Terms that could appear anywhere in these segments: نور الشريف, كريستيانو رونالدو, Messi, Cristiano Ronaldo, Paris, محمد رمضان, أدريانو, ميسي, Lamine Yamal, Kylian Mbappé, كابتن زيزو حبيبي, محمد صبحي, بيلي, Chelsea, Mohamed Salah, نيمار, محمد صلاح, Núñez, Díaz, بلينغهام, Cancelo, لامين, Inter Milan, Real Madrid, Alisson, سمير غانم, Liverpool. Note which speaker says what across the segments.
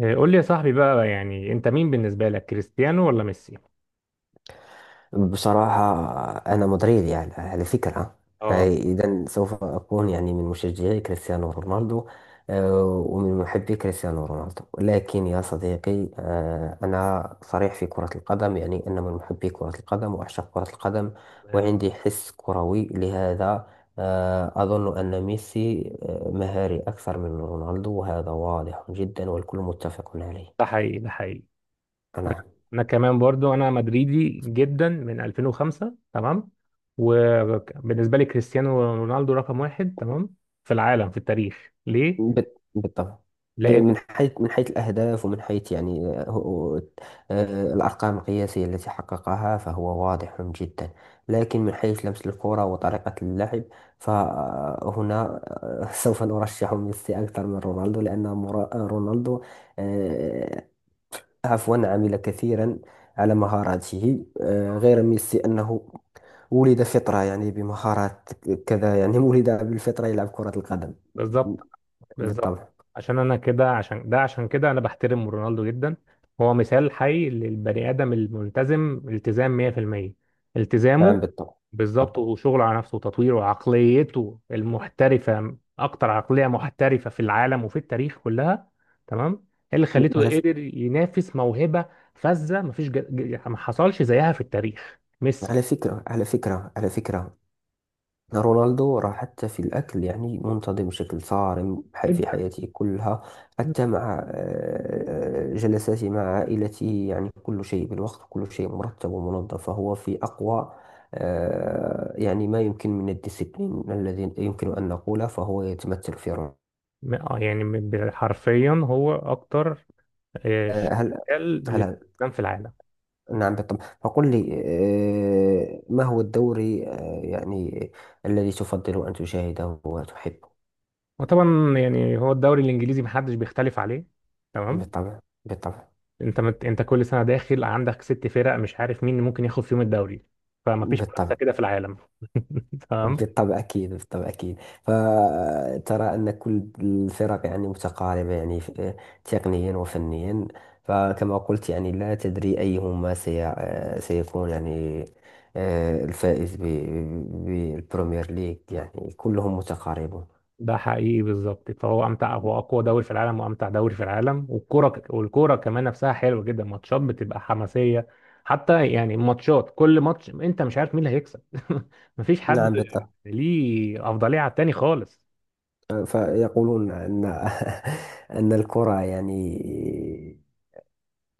Speaker 1: إيه، قول لي يا صاحبي بقى، يعني انت مين بالنسبة لك، كريستيانو ولا ميسي؟
Speaker 2: بصراحة، أنا مدريد يعني على فكرة.
Speaker 1: اه.
Speaker 2: إذا سوف أكون يعني من مشجعي كريستيانو رونالدو، ومن محبي كريستيانو رونالدو. لكن يا صديقي، أنا صريح في كرة القدم، يعني أنا من محبي كرة القدم وأعشق كرة القدم،
Speaker 1: تمام.
Speaker 2: وعندي حس كروي لهذا. أظن أن ميسي مهاري أكثر من رونالدو، وهذا واضح جدا والكل متفق
Speaker 1: ده
Speaker 2: عليه.
Speaker 1: حقيقي، ده حقيقي.
Speaker 2: أنا
Speaker 1: انا كمان برضو انا مدريدي جدا من 2005. تمام. وبالنسبة لي كريستيانو رونالدو رقم واحد. تمام. في العالم، في التاريخ، ليه؟
Speaker 2: بالطبع.
Speaker 1: لان.
Speaker 2: من حيث الأهداف، ومن حيث يعني الأرقام القياسية التي حققها، فهو واضح جدا. لكن من حيث لمس الكرة وطريقة اللعب، فهنا سوف نرشح ميسي أكثر من رونالدو، لأن رونالدو آه، عفوا عمل كثيرا على مهاراته، غير ميسي أنه ولد فطرة، يعني بمهارات كذا، يعني ولد بالفطرة يلعب كرة القدم.
Speaker 1: بالظبط. بالظبط.
Speaker 2: بالطبع.
Speaker 1: عشان انا كده عشان ده عشان كده انا بحترم رونالدو جدا. هو مثال حي للبني ادم الملتزم، التزام 100%، التزامه.
Speaker 2: نعم بالطبع. طب،
Speaker 1: بالظبط. وشغل على نفسه وتطوير، وعقليته المحترفة أكتر عقلية محترفة في العالم وفي التاريخ كلها. تمام. إيه اللي خليته
Speaker 2: على ف...
Speaker 1: قدر ينافس موهبة فذة؟ مفيش يعني ما حصلش زيها في التاريخ ميسي.
Speaker 2: على فكرة رونالدو راح حتى في الأكل، يعني منتظم بشكل صارم
Speaker 1: انت
Speaker 2: في حياته كلها.
Speaker 1: م-
Speaker 2: حتى مع جلساته مع عائلته، يعني كل شيء بالوقت، كل شيء مرتب ومنظم، فهو في أقوى يعني ما يمكن من الديسيبلين الذي يمكن أن نقوله، فهو يتمثل في رونالدو.
Speaker 1: يعني حرفيا هو أكتر،
Speaker 2: هل
Speaker 1: شغال
Speaker 2: هل
Speaker 1: للإسلام في العالم.
Speaker 2: نعم بالطبع، فقل لي ما هو الدوري يعني الذي تفضل أن تشاهده وتحبه؟
Speaker 1: وطبعا يعني هو الدوري الإنجليزي محدش بيختلف عليه. تمام.
Speaker 2: بالطبع. بالطبع.
Speaker 1: انت كل سنه داخل عندك ست فرق، مش عارف مين ممكن ياخد فيهم الدوري، فمفيش منافسه
Speaker 2: بالطبع.
Speaker 1: كده في العالم. تمام.
Speaker 2: بالطبع أكيد. بالطبع أكيد. فترى أن كل الفرق يعني متقاربة، يعني تقنيا وفنيا. فكما قلت يعني لا تدري أيهما سي آه، سيكون يعني الفائز بالبريمير ليج، يعني كلهم متقاربون.
Speaker 1: ده حقيقي، بالظبط. فهو امتع، هو اقوى دوري في العالم وامتع دوري في العالم، والكوره كمان نفسها حلوه جدا، ماتشات بتبقى حماسيه. حتى يعني ماتشات، كل ماتش انت مش عارف مين اللي هيكسب. مفيش حد
Speaker 2: نعم بالطبع.
Speaker 1: ليه افضليه على التاني خالص.
Speaker 2: فيقولون أن أن الكرة يعني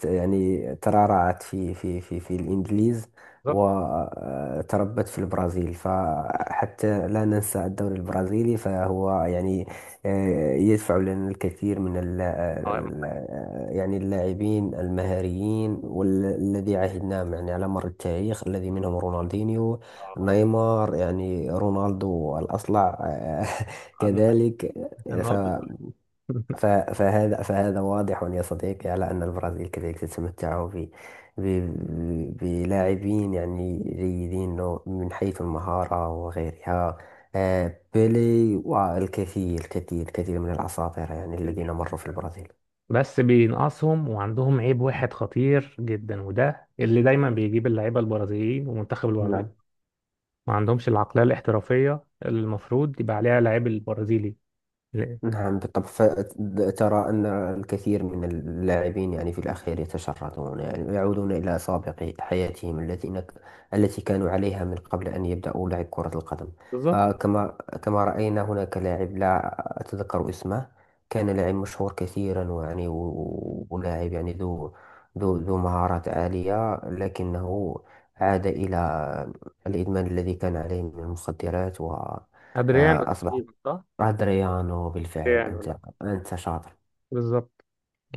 Speaker 2: يعني ترعرعت في الإنجليز،
Speaker 1: بالظبط.
Speaker 2: وتربت في البرازيل. فحتى لا ننسى الدوري البرازيلي، فهو يعني يدفع لنا الكثير من
Speaker 1: آه، آه،
Speaker 2: يعني اللاعبين المهاريين، والذي عهدناهم يعني على مر التاريخ، الذي منهم رونالدينيو،
Speaker 1: آه،
Speaker 2: نيمار، يعني رونالدو الأصلع
Speaker 1: آه،
Speaker 2: كذلك.
Speaker 1: آه،
Speaker 2: فهذا واضح يا صديقي على أن البرازيل كذلك تتمتع بلاعبين يعني جيدين، من حيث المهارة وغيرها، بيلي والكثير الكثير الكثير من الأساطير يعني
Speaker 1: آه.
Speaker 2: الذين مروا في البرازيل.
Speaker 1: بس بينقصهم وعندهم عيب واحد خطير جدا، وده اللي دايما بيجيب اللعيبه البرازيليين ومنتخب البرازيل.
Speaker 2: نعم.
Speaker 1: ما عندهمش العقليه الاحترافيه اللي المفروض يبقى عليها لعيب البرازيلي. لا.
Speaker 2: نعم بالطبع. فترى أن الكثير من اللاعبين يعني في الأخير يتشردون، يعني يعودون إلى سابق حياتهم التي كانوا عليها من قبل أن يبدأوا لعب كرة القدم.
Speaker 1: بالظبط.
Speaker 2: فكما كما رأينا هناك لاعب لا أتذكر اسمه، كان لاعب مشهور كثيرا ولاعب يعني ذو مهارات عالية، لكنه عاد إلى الإدمان الذي كان عليه من المخدرات، و
Speaker 1: ادريانو
Speaker 2: أصبح
Speaker 1: تقريبا، صح.
Speaker 2: أدريانو بالفعل.
Speaker 1: ادريانو، لا.
Speaker 2: أنت شاطر.
Speaker 1: بالظبط.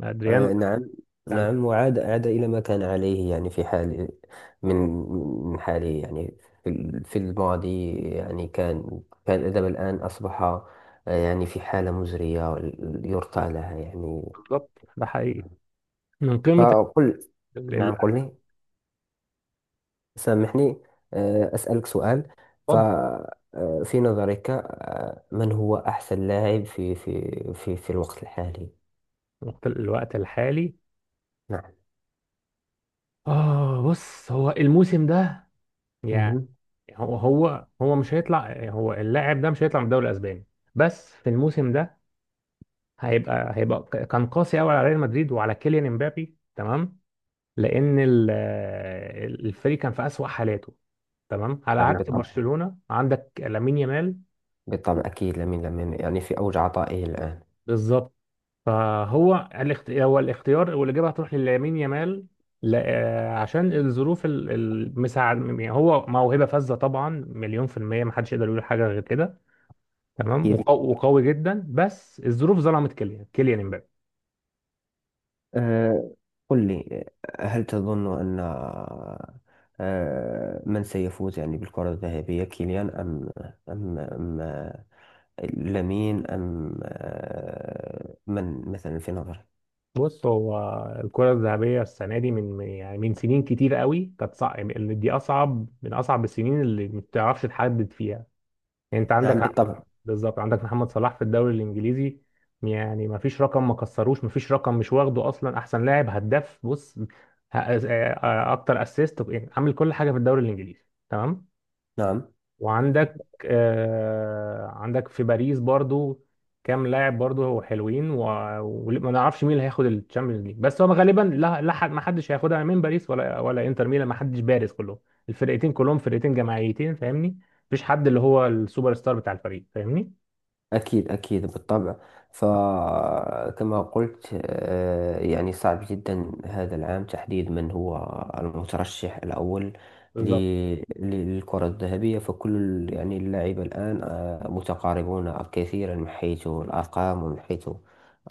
Speaker 1: ادريانو ده
Speaker 2: نعم.
Speaker 1: كان.
Speaker 2: نعم، وعاد إلى ما كان عليه، يعني في حال من من حاله يعني، في الماضي، يعني كان الأدب، الآن أصبح يعني في حالة مزرية يرثى لها يعني.
Speaker 1: بالظبط، ده حقيقي.
Speaker 2: نعم.
Speaker 1: من قيمه
Speaker 2: فقل.
Speaker 1: ال-
Speaker 2: نعم
Speaker 1: ال-
Speaker 2: قل لي، سامحني، أسألك سؤال. ف
Speaker 1: اتفضل.
Speaker 2: آه، في نظرك، من هو أحسن لاعب في الوقت الحالي؟
Speaker 1: الوقت الحالي. اه، بص، هو الموسم ده يعني،
Speaker 2: نعم.
Speaker 1: هو هو هو مش هيطلع، هو اللاعب ده مش هيطلع من الدوري الاسباني. بس في الموسم ده، كان قاسي قوي على ريال مدريد وعلى كيليان امبابي. تمام. لان الفريق كان في اسوأ حالاته. تمام، على
Speaker 2: نعم
Speaker 1: عكس. تمام.
Speaker 2: بالطبع.
Speaker 1: برشلونة عندك لامين يامال.
Speaker 2: بالطبع أكيد، لمن يعني في أوج عطائه الآن.
Speaker 1: بالظبط. فهو هو الاختيار، والاجابه هتروح للامين يامال. ل... آه، عشان الظروف المساعد، يعني هو موهبه فذه طبعا، مليون في الميه، ما حدش يقدر يقول حاجه غير كده. تمام.
Speaker 2: أكيد.
Speaker 1: وقوي جدا، بس الظروف ظلمت كيليان، كيليان امبابي.
Speaker 2: أه، قل لي هل تظن أن أه من سيفوز يعني بالكرة الذهبية، كيليان أم لامين، أم أه من مثلا في نظرك؟
Speaker 1: بص، هو الكرة الذهبية السنة دي يعني من سنين كتير قوي كانت صعب، اللي دي أصعب من أصعب السنين اللي ما بتعرفش تحدد فيها. يعني أنت عندك،
Speaker 2: نعم
Speaker 1: نعم.
Speaker 2: بالطبع.
Speaker 1: بالظبط. عندك محمد صلاح في الدوري الإنجليزي، يعني ما فيش رقم ما كسروش، ما فيش رقم مش واخده أصلا. أحسن لاعب، هداف، بص ه- آه، آه، أكتر أسيست، عامل كل حاجة في الدوري الإنجليزي. تمام.
Speaker 2: نعم
Speaker 1: وعندك آه عندك في باريس برضو كام لاعب برضو هو حلوين، وما نعرفش مين اللي هياخد الشامبيونز ليج، بس هو غالبا لا، حد، ما حدش هياخدها من باريس ولا انتر ميلان. ما حدش بارز، كلهم الفرقتين كلهم فرقتين جماعيتين، فاهمني؟ مفيش حد اللي هو السوبر ستار بتاع الفريق، فاهمني؟
Speaker 2: أكيد. أكيد بالطبع. فكما قلت يعني صعب جدا هذا العام تحديد من هو المترشح الأول ل-
Speaker 1: بالظبط.
Speaker 2: ل- للكرة الذهبية. يعني اللاعبة الآن متقاربون كثيرا، من حيث الأرقام ومن حيث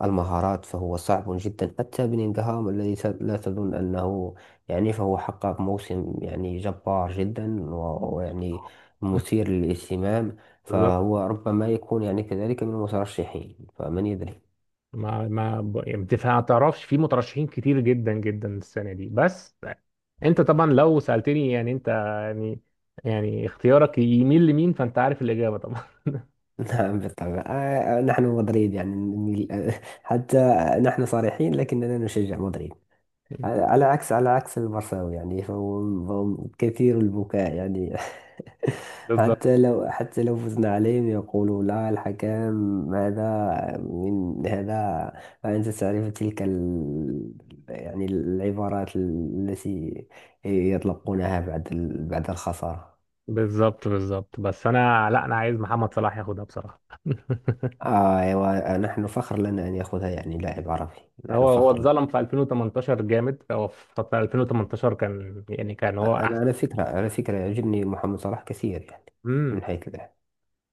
Speaker 2: المهارات. فهو صعب جدا، حتى بلينغهام الذي لا تظن أنه يعني، فهو حقق موسم يعني جبار جدا ويعني مثير للاهتمام،
Speaker 1: بالظبط.
Speaker 2: فهو ربما يكون يعني كذلك من المترشحين، فمن يدري.
Speaker 1: ما ما ب- يعني بتف- ما تعرفش، في مترشحين كتير جدا جدا السنه دي. بس انت طبعا لو سالتني، يعني انت، يعني اختيارك يميل لمين، فانت عارف الاجابه.
Speaker 2: نعم بالطبع. نحن مدريد يعني حتى نحن صريحين، لكننا نشجع مدريد. على عكس المرساوي يعني، فهم كثير البكاء يعني.
Speaker 1: بالظبط.
Speaker 2: حتى لو فزنا عليهم، يقولوا لا، الحكام هذا من هذا. فأنت تعرف تلك يعني العبارات التي يطلقونها بعد الخسارة.
Speaker 1: بالظبط. بالظبط، بس انا، لا، انا عايز محمد صلاح ياخدها بصراحه.
Speaker 2: آه أيوة، نحن فخر لنا أن يأخذها يعني لاعب عربي. نحن
Speaker 1: هو
Speaker 2: فخر لنا.
Speaker 1: اتظلم في 2018 جامد، هو في 2018 كان، يعني كان هو
Speaker 2: أنا
Speaker 1: احسن.
Speaker 2: على فكرة، يعجبني محمد صلاح كثير، يعني
Speaker 1: امم
Speaker 2: من حيث اللعب،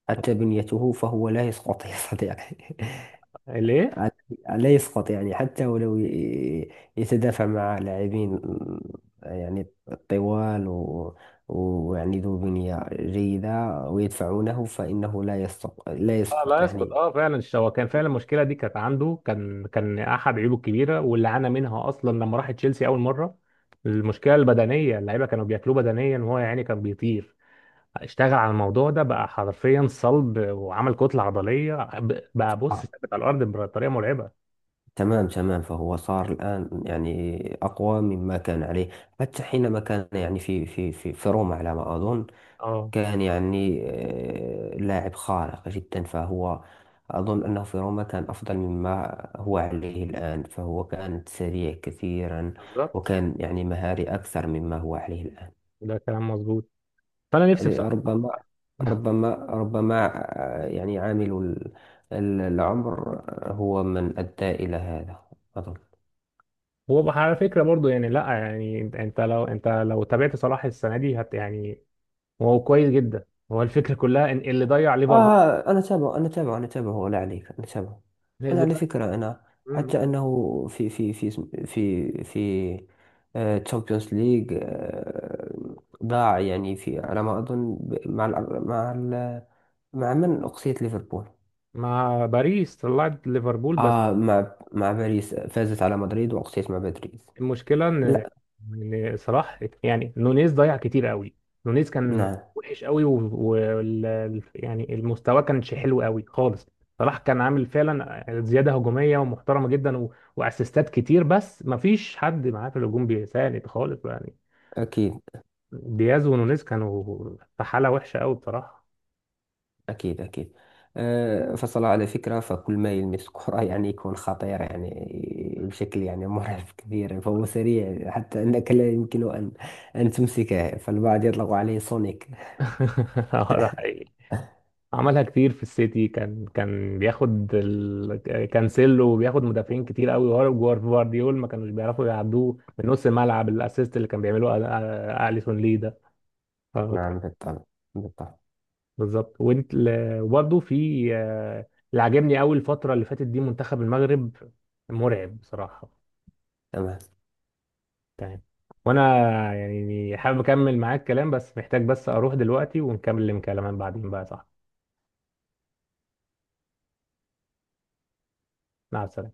Speaker 2: حتى بنيته، فهو لا يسقط يا صديقي.
Speaker 1: ليه؟
Speaker 2: لا يسقط، يعني حتى ولو يتدافع مع لاعبين يعني طوال ويعني ذو بنية جيدة ويدفعونه، فإنه لا يسقط،
Speaker 1: اه، لا يسقط.
Speaker 2: يعني.
Speaker 1: اه فعلا، هو كان فعلا المشكله دي كانت عنده، كان احد عيوبه الكبيره واللي عانى منها اصلا لما راح تشيلسي اول مره. المشكله البدنيه، اللعيبه كانوا بياكلوه بدنيا، وهو يعني كان بيطير. اشتغل على الموضوع ده بقى حرفيا، صلب وعمل كتلة عضلية، بقى بص
Speaker 2: آه،
Speaker 1: ثابت على الأرض بطريقة مرعبة.
Speaker 2: تمام تمام، فهو صار الآن يعني أقوى مما كان عليه. حتى حينما كان يعني في روما على ما أظن،
Speaker 1: اه،
Speaker 2: كان يعني لاعب خارق جدا، فهو أظن أنه في روما كان أفضل مما هو عليه الآن. فهو كان سريع كثيرا،
Speaker 1: بالظبط،
Speaker 2: وكان يعني مهاري أكثر مما هو عليه الآن.
Speaker 1: ده كلام مظبوط. فأنا نفسي بصراحة.
Speaker 2: ربما. ربما ربما. يعني عامل العمر هو من أدى إلى هذا، أظن.
Speaker 1: هو بقى على فكرة برضو، يعني لا يعني، انت أنت لو انت تابعت صلاح السنة دي، يعني هو كويس جدا. هو الفكرة كلها ان اللي ضيع ليفربول،
Speaker 2: آه، أنا أتابعه، أنا أتابعه، أنا أتابعه، ولا عليك، أنا أتابعه. أنا
Speaker 1: اللي
Speaker 2: على
Speaker 1: ضيع.
Speaker 2: فكرة، أنا
Speaker 1: مم.
Speaker 2: حتى أنه في تشامبيونز ليج، ضاع يعني في على ما أظن مع ال مع ال مع من أقصيت ليفربول.
Speaker 1: مع باريس طلعت ليفربول.
Speaker 2: آه، مع باريس فازت على مدريد، وأقصيت مع مدريد.
Speaker 1: المشكله ان
Speaker 2: لا.
Speaker 1: ان صلاح، يعني نونيز ضيع كتير قوي. نونيز كان
Speaker 2: نعم
Speaker 1: وحش قوي، يعني المستوى كانش حلو قوي خالص. صلاح كان عامل فعلا زياده هجوميه ومحترمه جدا، واسيستات كتير، بس ما فيش حد معاه في الهجوم بيساعد خالص يعني.
Speaker 2: أكيد.
Speaker 1: دياز ونونيز كانوا في حاله وحشه قوي بصراحه.
Speaker 2: أكيد أكيد. أه، فصل على فكرة، فكل ما يلمس الكرة يعني يكون خطير، يعني بشكل يعني مرعب كبير، فهو سريع حتى أنك لا يمكن أن تمسكه، فالبعض يطلق عليه سونيك.
Speaker 1: اه، ده حقيقي. عملها كتير في السيتي، كان بياخد كانسيلو وبياخد مدافعين كتير قوي، وجوارديول ما كانوش بيعرفوا يعدوه من نص الملعب. الاسيست اللي كان بيعمله اليسون ليه ده؟ آه، كان-
Speaker 2: نعم بالطبع. بالطبع
Speaker 1: بالظبط. وانت وبرضه في، اللي عاجبني قوي الفتره اللي فاتت دي، منتخب المغرب، مرعب بصراحه.
Speaker 2: تمام.
Speaker 1: تمام. وانا يعني حابب اكمل معاك كلام، بس محتاج بس اروح دلوقتي ونكمل الكلام بعدين بقى، صح؟ مع السلامه.